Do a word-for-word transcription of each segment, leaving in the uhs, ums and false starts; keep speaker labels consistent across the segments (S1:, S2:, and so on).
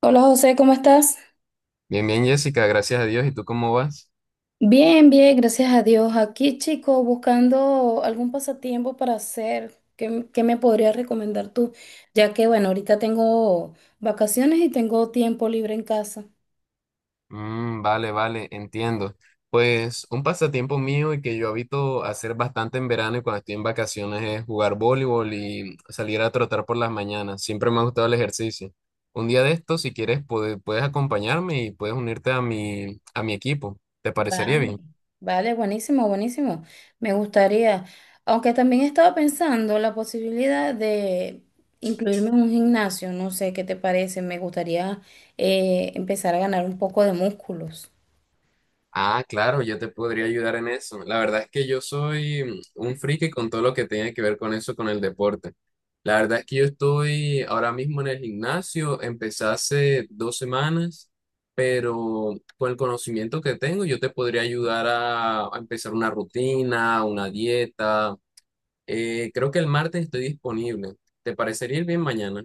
S1: Hola José, ¿cómo estás?
S2: Bien, bien, Jessica, gracias a Dios. ¿Y tú cómo vas?
S1: Bien, bien, gracias a Dios. Aquí, chico, buscando algún pasatiempo para hacer. ¿Qué, m- qué me podrías recomendar tú? Ya que, bueno, ahorita tengo vacaciones y tengo tiempo libre en casa.
S2: Mm, vale, vale, entiendo. Pues un pasatiempo mío y que yo habito hacer bastante en verano y cuando estoy en vacaciones es jugar voleibol y salir a trotar por las mañanas. Siempre me ha gustado el ejercicio. Un día de estos, si quieres, puede- puedes acompañarme y puedes unirte a mi, a mi equipo. ¿Te parecería
S1: Vale,
S2: bien?
S1: vale, buenísimo, buenísimo. Me gustaría, aunque también estaba pensando la posibilidad de incluirme en un gimnasio, no sé qué te parece, me gustaría eh, empezar a ganar un poco de músculos.
S2: Ah, claro, yo te podría ayudar en eso. La verdad es que yo soy mm, un friki con todo lo que tenga que ver con eso, con el deporte. La verdad es que yo estoy ahora mismo en el gimnasio, empecé hace dos semanas, pero con el conocimiento que tengo, yo te podría ayudar a, a empezar una rutina, una dieta. Eh, creo que el martes estoy disponible. ¿Te parecería ir bien mañana?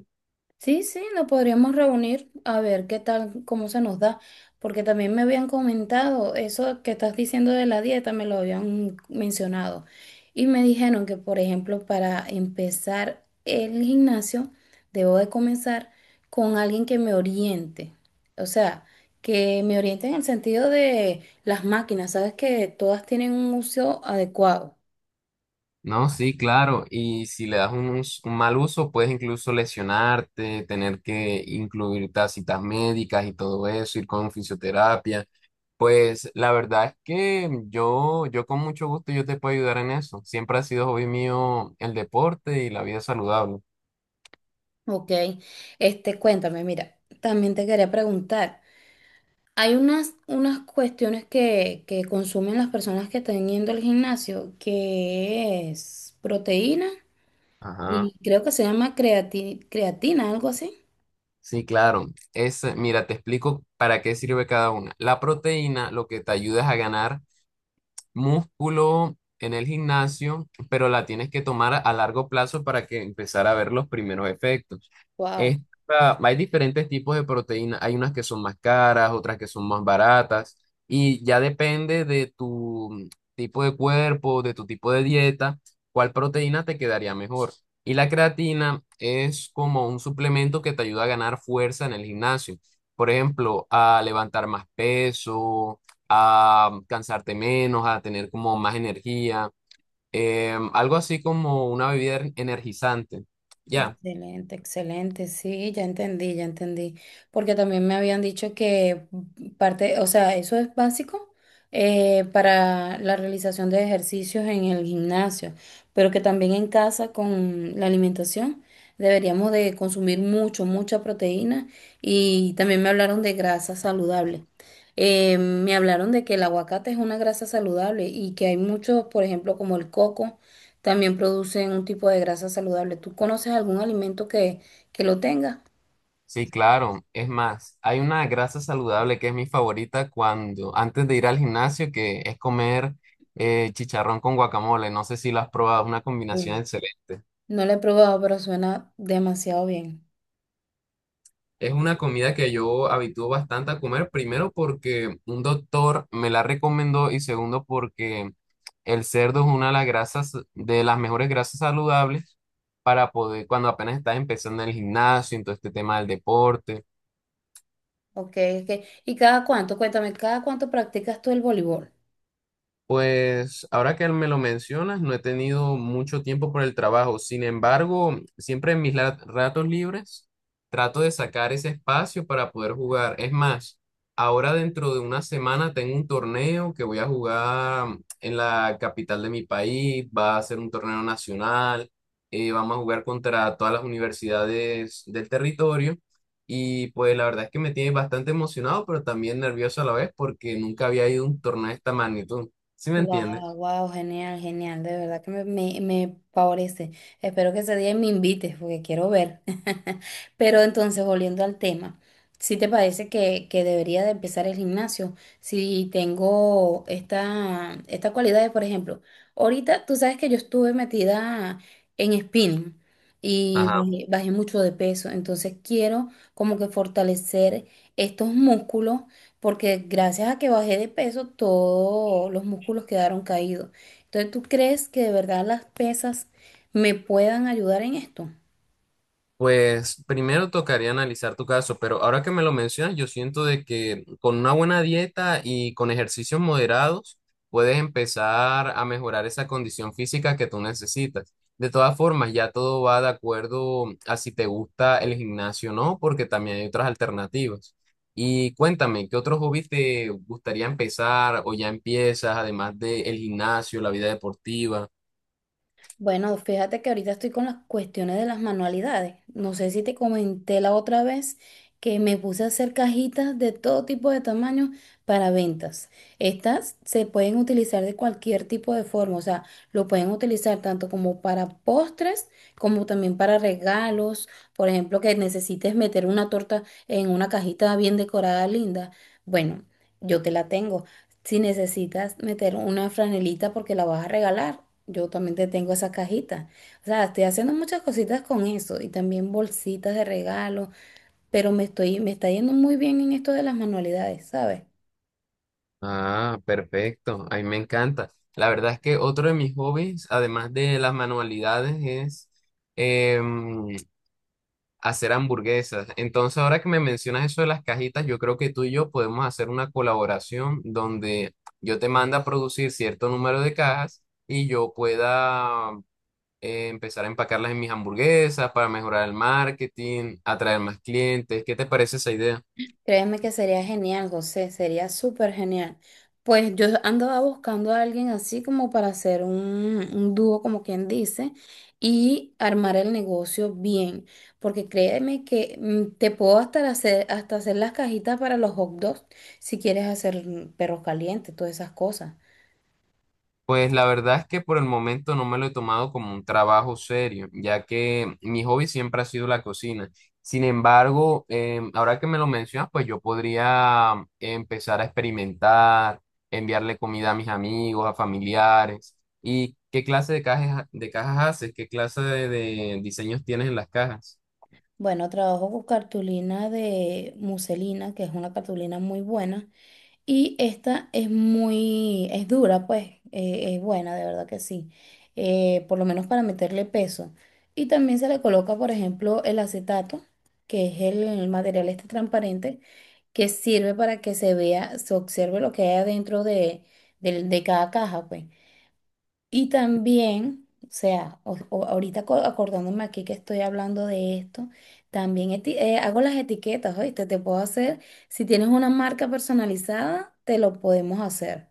S1: Sí, sí, nos podríamos reunir a ver qué tal, cómo se nos da, porque también me habían comentado eso que estás diciendo de la dieta, me lo habían mencionado y me dijeron que, por ejemplo, para empezar el gimnasio, debo de comenzar con alguien que me oriente, o sea, que me oriente en el sentido de las máquinas, sabes que todas tienen un uso adecuado,
S2: No, sí, claro. Y si le das un, us- un mal uso, puedes incluso lesionarte, tener que incluir tas- citas médicas y todo eso, ir con fisioterapia. Pues la verdad es que yo, yo con mucho gusto yo te puedo ayudar en eso. Siempre ha sido hobby mío el deporte y la vida saludable.
S1: ¿ok? Este, cuéntame, mira, también te quería preguntar. Hay unas, unas cuestiones que, que consumen las personas que están yendo al gimnasio, que es proteína
S2: Ajá.
S1: y creo que se llama creati- creatina, algo así.
S2: Sí, claro. Es, mira, te explico para qué sirve cada una. La proteína lo que te ayuda es a ganar músculo en el gimnasio, pero la tienes que tomar a a largo plazo para que empezar a ver los primeros efectos.
S1: Wow.
S2: Esta- hay diferentes tipos de proteínas, hay unas que son más caras, otras que son más baratas, y ya depende de tu tipo de cuerpo, de tu tipo de dieta, cuál proteína te quedaría mejor. Y la creatina es como un suplemento que te ayuda a ganar fuerza en el gimnasio. Por ejemplo, a levantar más peso, a um, cansarte menos, a tener como más energía, em, algo así como una bebida er- energizante. Ya,
S1: Excelente, excelente, sí, ya entendí, ya entendí, porque también me habían dicho que parte, o sea, eso es básico, eh, para la realización de ejercicios en el gimnasio, pero que también en casa con la alimentación deberíamos de consumir mucho, mucha proteína y también me hablaron de grasa saludable. Eh, me hablaron de que el aguacate es una grasa saludable y que hay muchos, por ejemplo, como el coco. También producen un tipo de grasa saludable. ¿Tú conoces algún alimento que, que lo tenga?
S2: sí, claro. Es más, hay una grasa saludable que es mi favorita cuando, antes de ir al gimnasio, que es comer eh, chicharrón con guacamole. No sé si lo has probado, es una
S1: Uh,
S2: combinación excelente.
S1: no lo he probado, pero suena demasiado bien.
S2: Es una comida que yo habitúo bastante a comer, primero porque un doctor me la recomendó y segundo porque el cerdo es una de las grasas, de las mejores grasas saludables para poder, cuando apenas estás empezando en el gimnasio, en todo este tema del deporte.
S1: Ok, ok. ¿Y cada cuánto? Cuéntame, ¿cada cuánto practicas tú el voleibol?
S2: Pues ahora que me lo mencionas, no he tenido mucho tiempo por el trabajo. Sin embargo, siempre en mis la- ratos libres trato de sacar ese espacio para poder jugar. Es más, ahora dentro de una semana tengo un torneo que voy a jugar mm, en la capital de mi país. Va a ser un torneo nacional. eh, vamos a jugar contra todas las universidades del territorio. Y pues la verdad es que me tiene bastante emocionado, pero también nervioso a la vez porque nunca había ido a un torneo de esta magnitud. ¿Sí me
S1: Wow,
S2: entiendes?
S1: wow, genial, genial, de verdad que me, me, me favorece. Espero que ese día me invites porque quiero ver. Pero entonces, volviendo al tema, ¿si te parece que, que debería de empezar el gimnasio? Si tengo esta, estas cualidades, por ejemplo, ahorita tú sabes que yo estuve metida en spinning y
S2: Ajá.
S1: bajé, bajé mucho de peso, entonces quiero como que fortalecer estos músculos porque gracias a que bajé de peso, todos los músculos quedaron caídos. Entonces, ¿tú crees que de verdad las pesas me puedan ayudar en esto?
S2: Pues primero tocaría analizar tu caso, pero ahora que me lo mencionas, yo siento de que con una buena dieta y con ejercicios moderados puedes empezar a mejorar esa condición física que tú necesitas. De todas formas, ya todo va de acuerdo a si te gusta el gimnasio o no, porque también hay otras alternativas. Y cuéntame, ¿qué otro hobby te gustaría empezar o ya empiezas, además del gimnasio, la vida deportiva?
S1: Bueno, fíjate que ahorita estoy con las cuestiones de las manualidades. No sé si te comenté la otra vez que me puse a hacer cajitas de todo tipo de tamaño para ventas. Estas se pueden utilizar de cualquier tipo de forma, o sea, lo pueden utilizar tanto como para postres como también para regalos. Por ejemplo, que necesites meter una torta en una cajita bien decorada, linda. Bueno, yo te la tengo. Si necesitas meter una franelita porque la vas a regalar, yo también te tengo esa cajita. O sea, estoy haciendo muchas cositas con eso y también bolsitas de regalo, pero me estoy, me está yendo muy bien en esto de las manualidades, ¿sabes?
S2: Ah, perfecto. A mí me encanta. La verdad es que otro de mis hobbies, además de las manualidades, es em, hacer hamburguesas. Entonces, ahora que me mencionas eso de las cajitas, yo creo que tú y yo podemos hacer una colaboración donde yo te mando a producir cierto número de cajas y yo pueda eh, empezar a empacarlas en mis hamburguesas para mejorar el marketing, atraer más clientes. ¿Qué te parece esa idea?
S1: Créeme que sería genial, José, sería súper genial. Pues yo andaba buscando a alguien así como para hacer un, un dúo, como quien dice, y armar el negocio bien. Porque créeme que mm, te puedo hasta hacer, hasta hacer las cajitas para los hot dogs si quieres hacer mm, perros calientes, todas esas cosas.
S2: Pues la verdad es que por el momento no me lo he tomado como un trabajo serio, ya que mi hobby siempre ha sido la cocina. Sin embargo, em, ahora que me lo mencionas, pues yo podría empezar a experimentar, enviarle comida a mis amigos, a familiares. ¿Y qué clase de cajas, de cajas haces? ¿Qué clase de de diseños tienes en las cajas?
S1: Bueno, trabajo con cartulina de muselina, que es una cartulina muy buena. Y esta es muy, es dura, pues, eh, es buena, de verdad que sí. Eh, por lo menos para meterle peso. Y también se le coloca, por ejemplo, el acetato, que es el material este transparente, que sirve para que se vea, se observe lo que hay adentro de, del- de cada caja, pues. Y también, o sea, o- o- ahorita aco- acordándome aquí que estoy hablando de esto, también eti- eh, hago las etiquetas, ¿oíste? Te puedo hacer, si tienes una marca personalizada, te lo podemos hacer.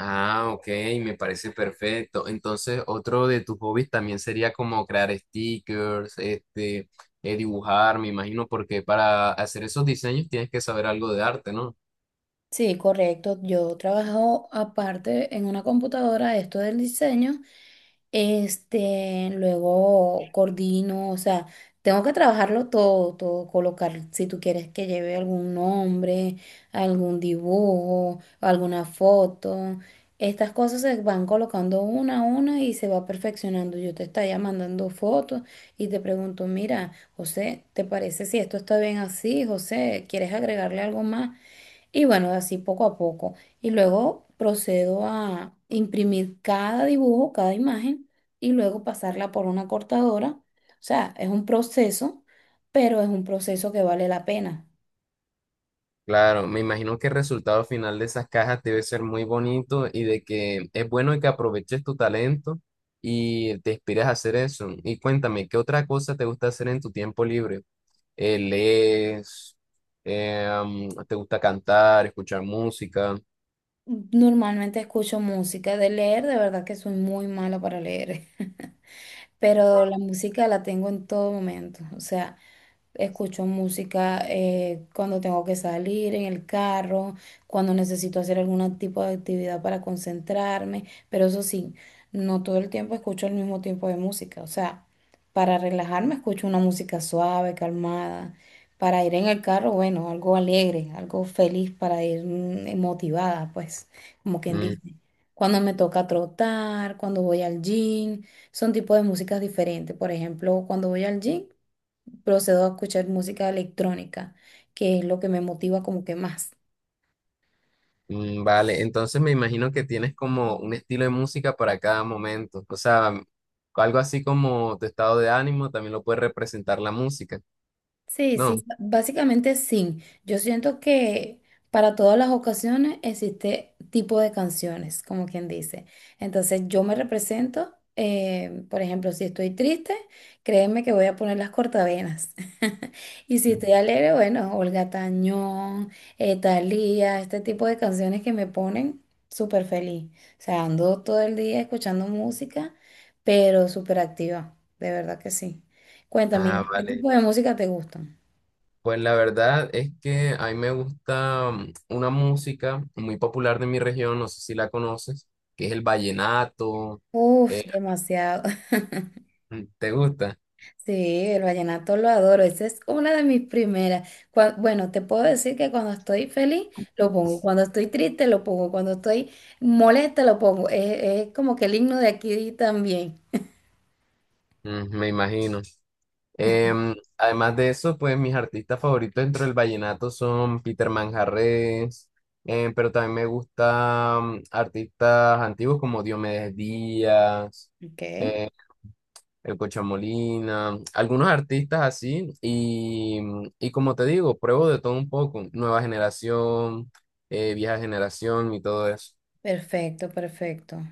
S2: Ah, ok, me parece perfecto. Entonces, otro de tus hobbies también sería como crear stickers, este, eh, dibujar, me imagino, porque para hacer esos diseños tienes que saber algo de arte, ¿no?
S1: Sí, correcto. Yo trabajo aparte en una computadora, esto del diseño. Este, luego coordino, o sea, tengo que trabajarlo todo, todo, colocar, si tú quieres que lleve algún nombre, algún dibujo, alguna foto. Estas cosas se van colocando una a una y se va perfeccionando. Yo te estaría mandando fotos y te pregunto, mira, José, ¿te parece si esto está bien así? José, ¿quieres agregarle algo más? Y bueno, así poco a poco. Y luego procedo a imprimir cada dibujo, cada imagen, y luego pasarla por una cortadora. O sea, es un proceso, pero es un proceso que vale la pena.
S2: Claro, me imagino que el resultado final de esas cajas debe ser muy bonito y de que es bueno que aproveches tu talento y te inspires a hacer eso. Y cuéntame, ¿qué otra cosa te gusta hacer en tu tiempo libre? Eh, ¿lees? Eh, am, ¿te gusta cantar, escuchar música?
S1: Normalmente escucho música, de leer, de verdad que soy muy mala para leer, pero la música la tengo en todo momento. O sea, escucho música eh, cuando tengo que salir en el carro, cuando necesito hacer algún tipo de actividad para concentrarme, pero eso sí, no todo el tiempo escucho el mismo tipo de música. O sea, para relajarme escucho una música suave, calmada. Para ir en el carro, bueno, algo alegre, algo feliz para ir mm, motivada, pues, como quien
S2: Mm.
S1: dice. Cuando me toca trotar, cuando voy al gym. Son tipos de músicas diferentes. Por ejemplo, cuando voy al gym, procedo a escuchar música electrónica, que es lo que me motiva como que más.
S2: Mm, vale, entonces me imagino que tienes como un estilo de música para cada momento, o sea, algo así como tu estado de ánimo también lo puede representar la música,
S1: Sí,
S2: ¿no?
S1: sí, básicamente sí. Yo siento que para todas las ocasiones existe tipo de canciones, como quien dice. Entonces yo me represento, eh, por ejemplo, si estoy triste, créeme que voy a poner las cortavenas. Y si estoy
S2: Ujú.
S1: alegre, bueno, Olga Tañón, eh, Thalía, este tipo de canciones que me ponen súper feliz. O sea, ando todo el día escuchando música, pero súper activa, de verdad que sí. Cuéntame,
S2: Ah,
S1: ¿qué
S2: vale.
S1: tipo de música te gustan?
S2: Pues la verdad es que a mí me gusta mm, una música muy popular de mi región, no sé si la conoces, que es el vallenato.
S1: Uf,
S2: Eh,
S1: demasiado.
S2: mm, ¿te gusta?
S1: Sí, el vallenato lo adoro. Esa es una de mis primeras. Cua- bueno, te puedo decir que cuando estoy feliz lo pongo, cuando estoy triste lo pongo, cuando estoy molesta lo pongo. Es, es como que el himno de aquí también.
S2: Mm, me imagino. Em, además de eso, pues mis artistas favoritos dentro del vallenato son Peter Manjarrés, em, pero también me gustan artistas antiguos como Diomedes Díaz,
S1: Ok.
S2: eh, El Cocha Molina, algunos artistas así, y, mm, y como te digo, pruebo de todo un poco, nueva generación, eh, vieja generación y todo eso.
S1: Perfecto, perfecto.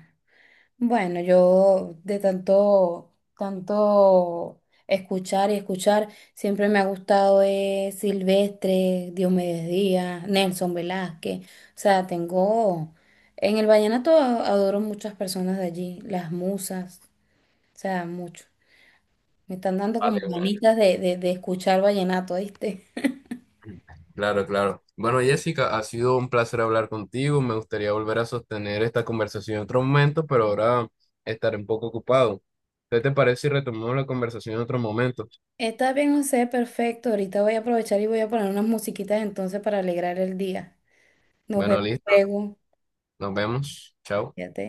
S1: Bueno, yo de tanto, tanto escuchar y escuchar, siempre me ha gustado, eh, Silvestre, Diomedes Díaz, Nelson Velázquez. O sea, tengo, en el vallenato a- adoro muchas personas de allí, las musas, o sea, mucho. Me están dando como
S2: Vale,
S1: ganitas de, de, de escuchar vallenato, ¿viste?
S2: claro, claro. Bueno, Jessica, ha sido un placer hablar contigo. Me gustaría volver a sostener esta conversación en otro momento, pero ahora estaré un poco ocupado. ¿Te parece si retomamos la conversación en otro momento?
S1: Está bien, José, perfecto. Ahorita voy a aprovechar y voy a poner unas musiquitas entonces para alegrar el día. Nos
S2: Bueno,
S1: vemos
S2: listo.
S1: luego.
S2: Nos vemos. Chao.
S1: Fíjate.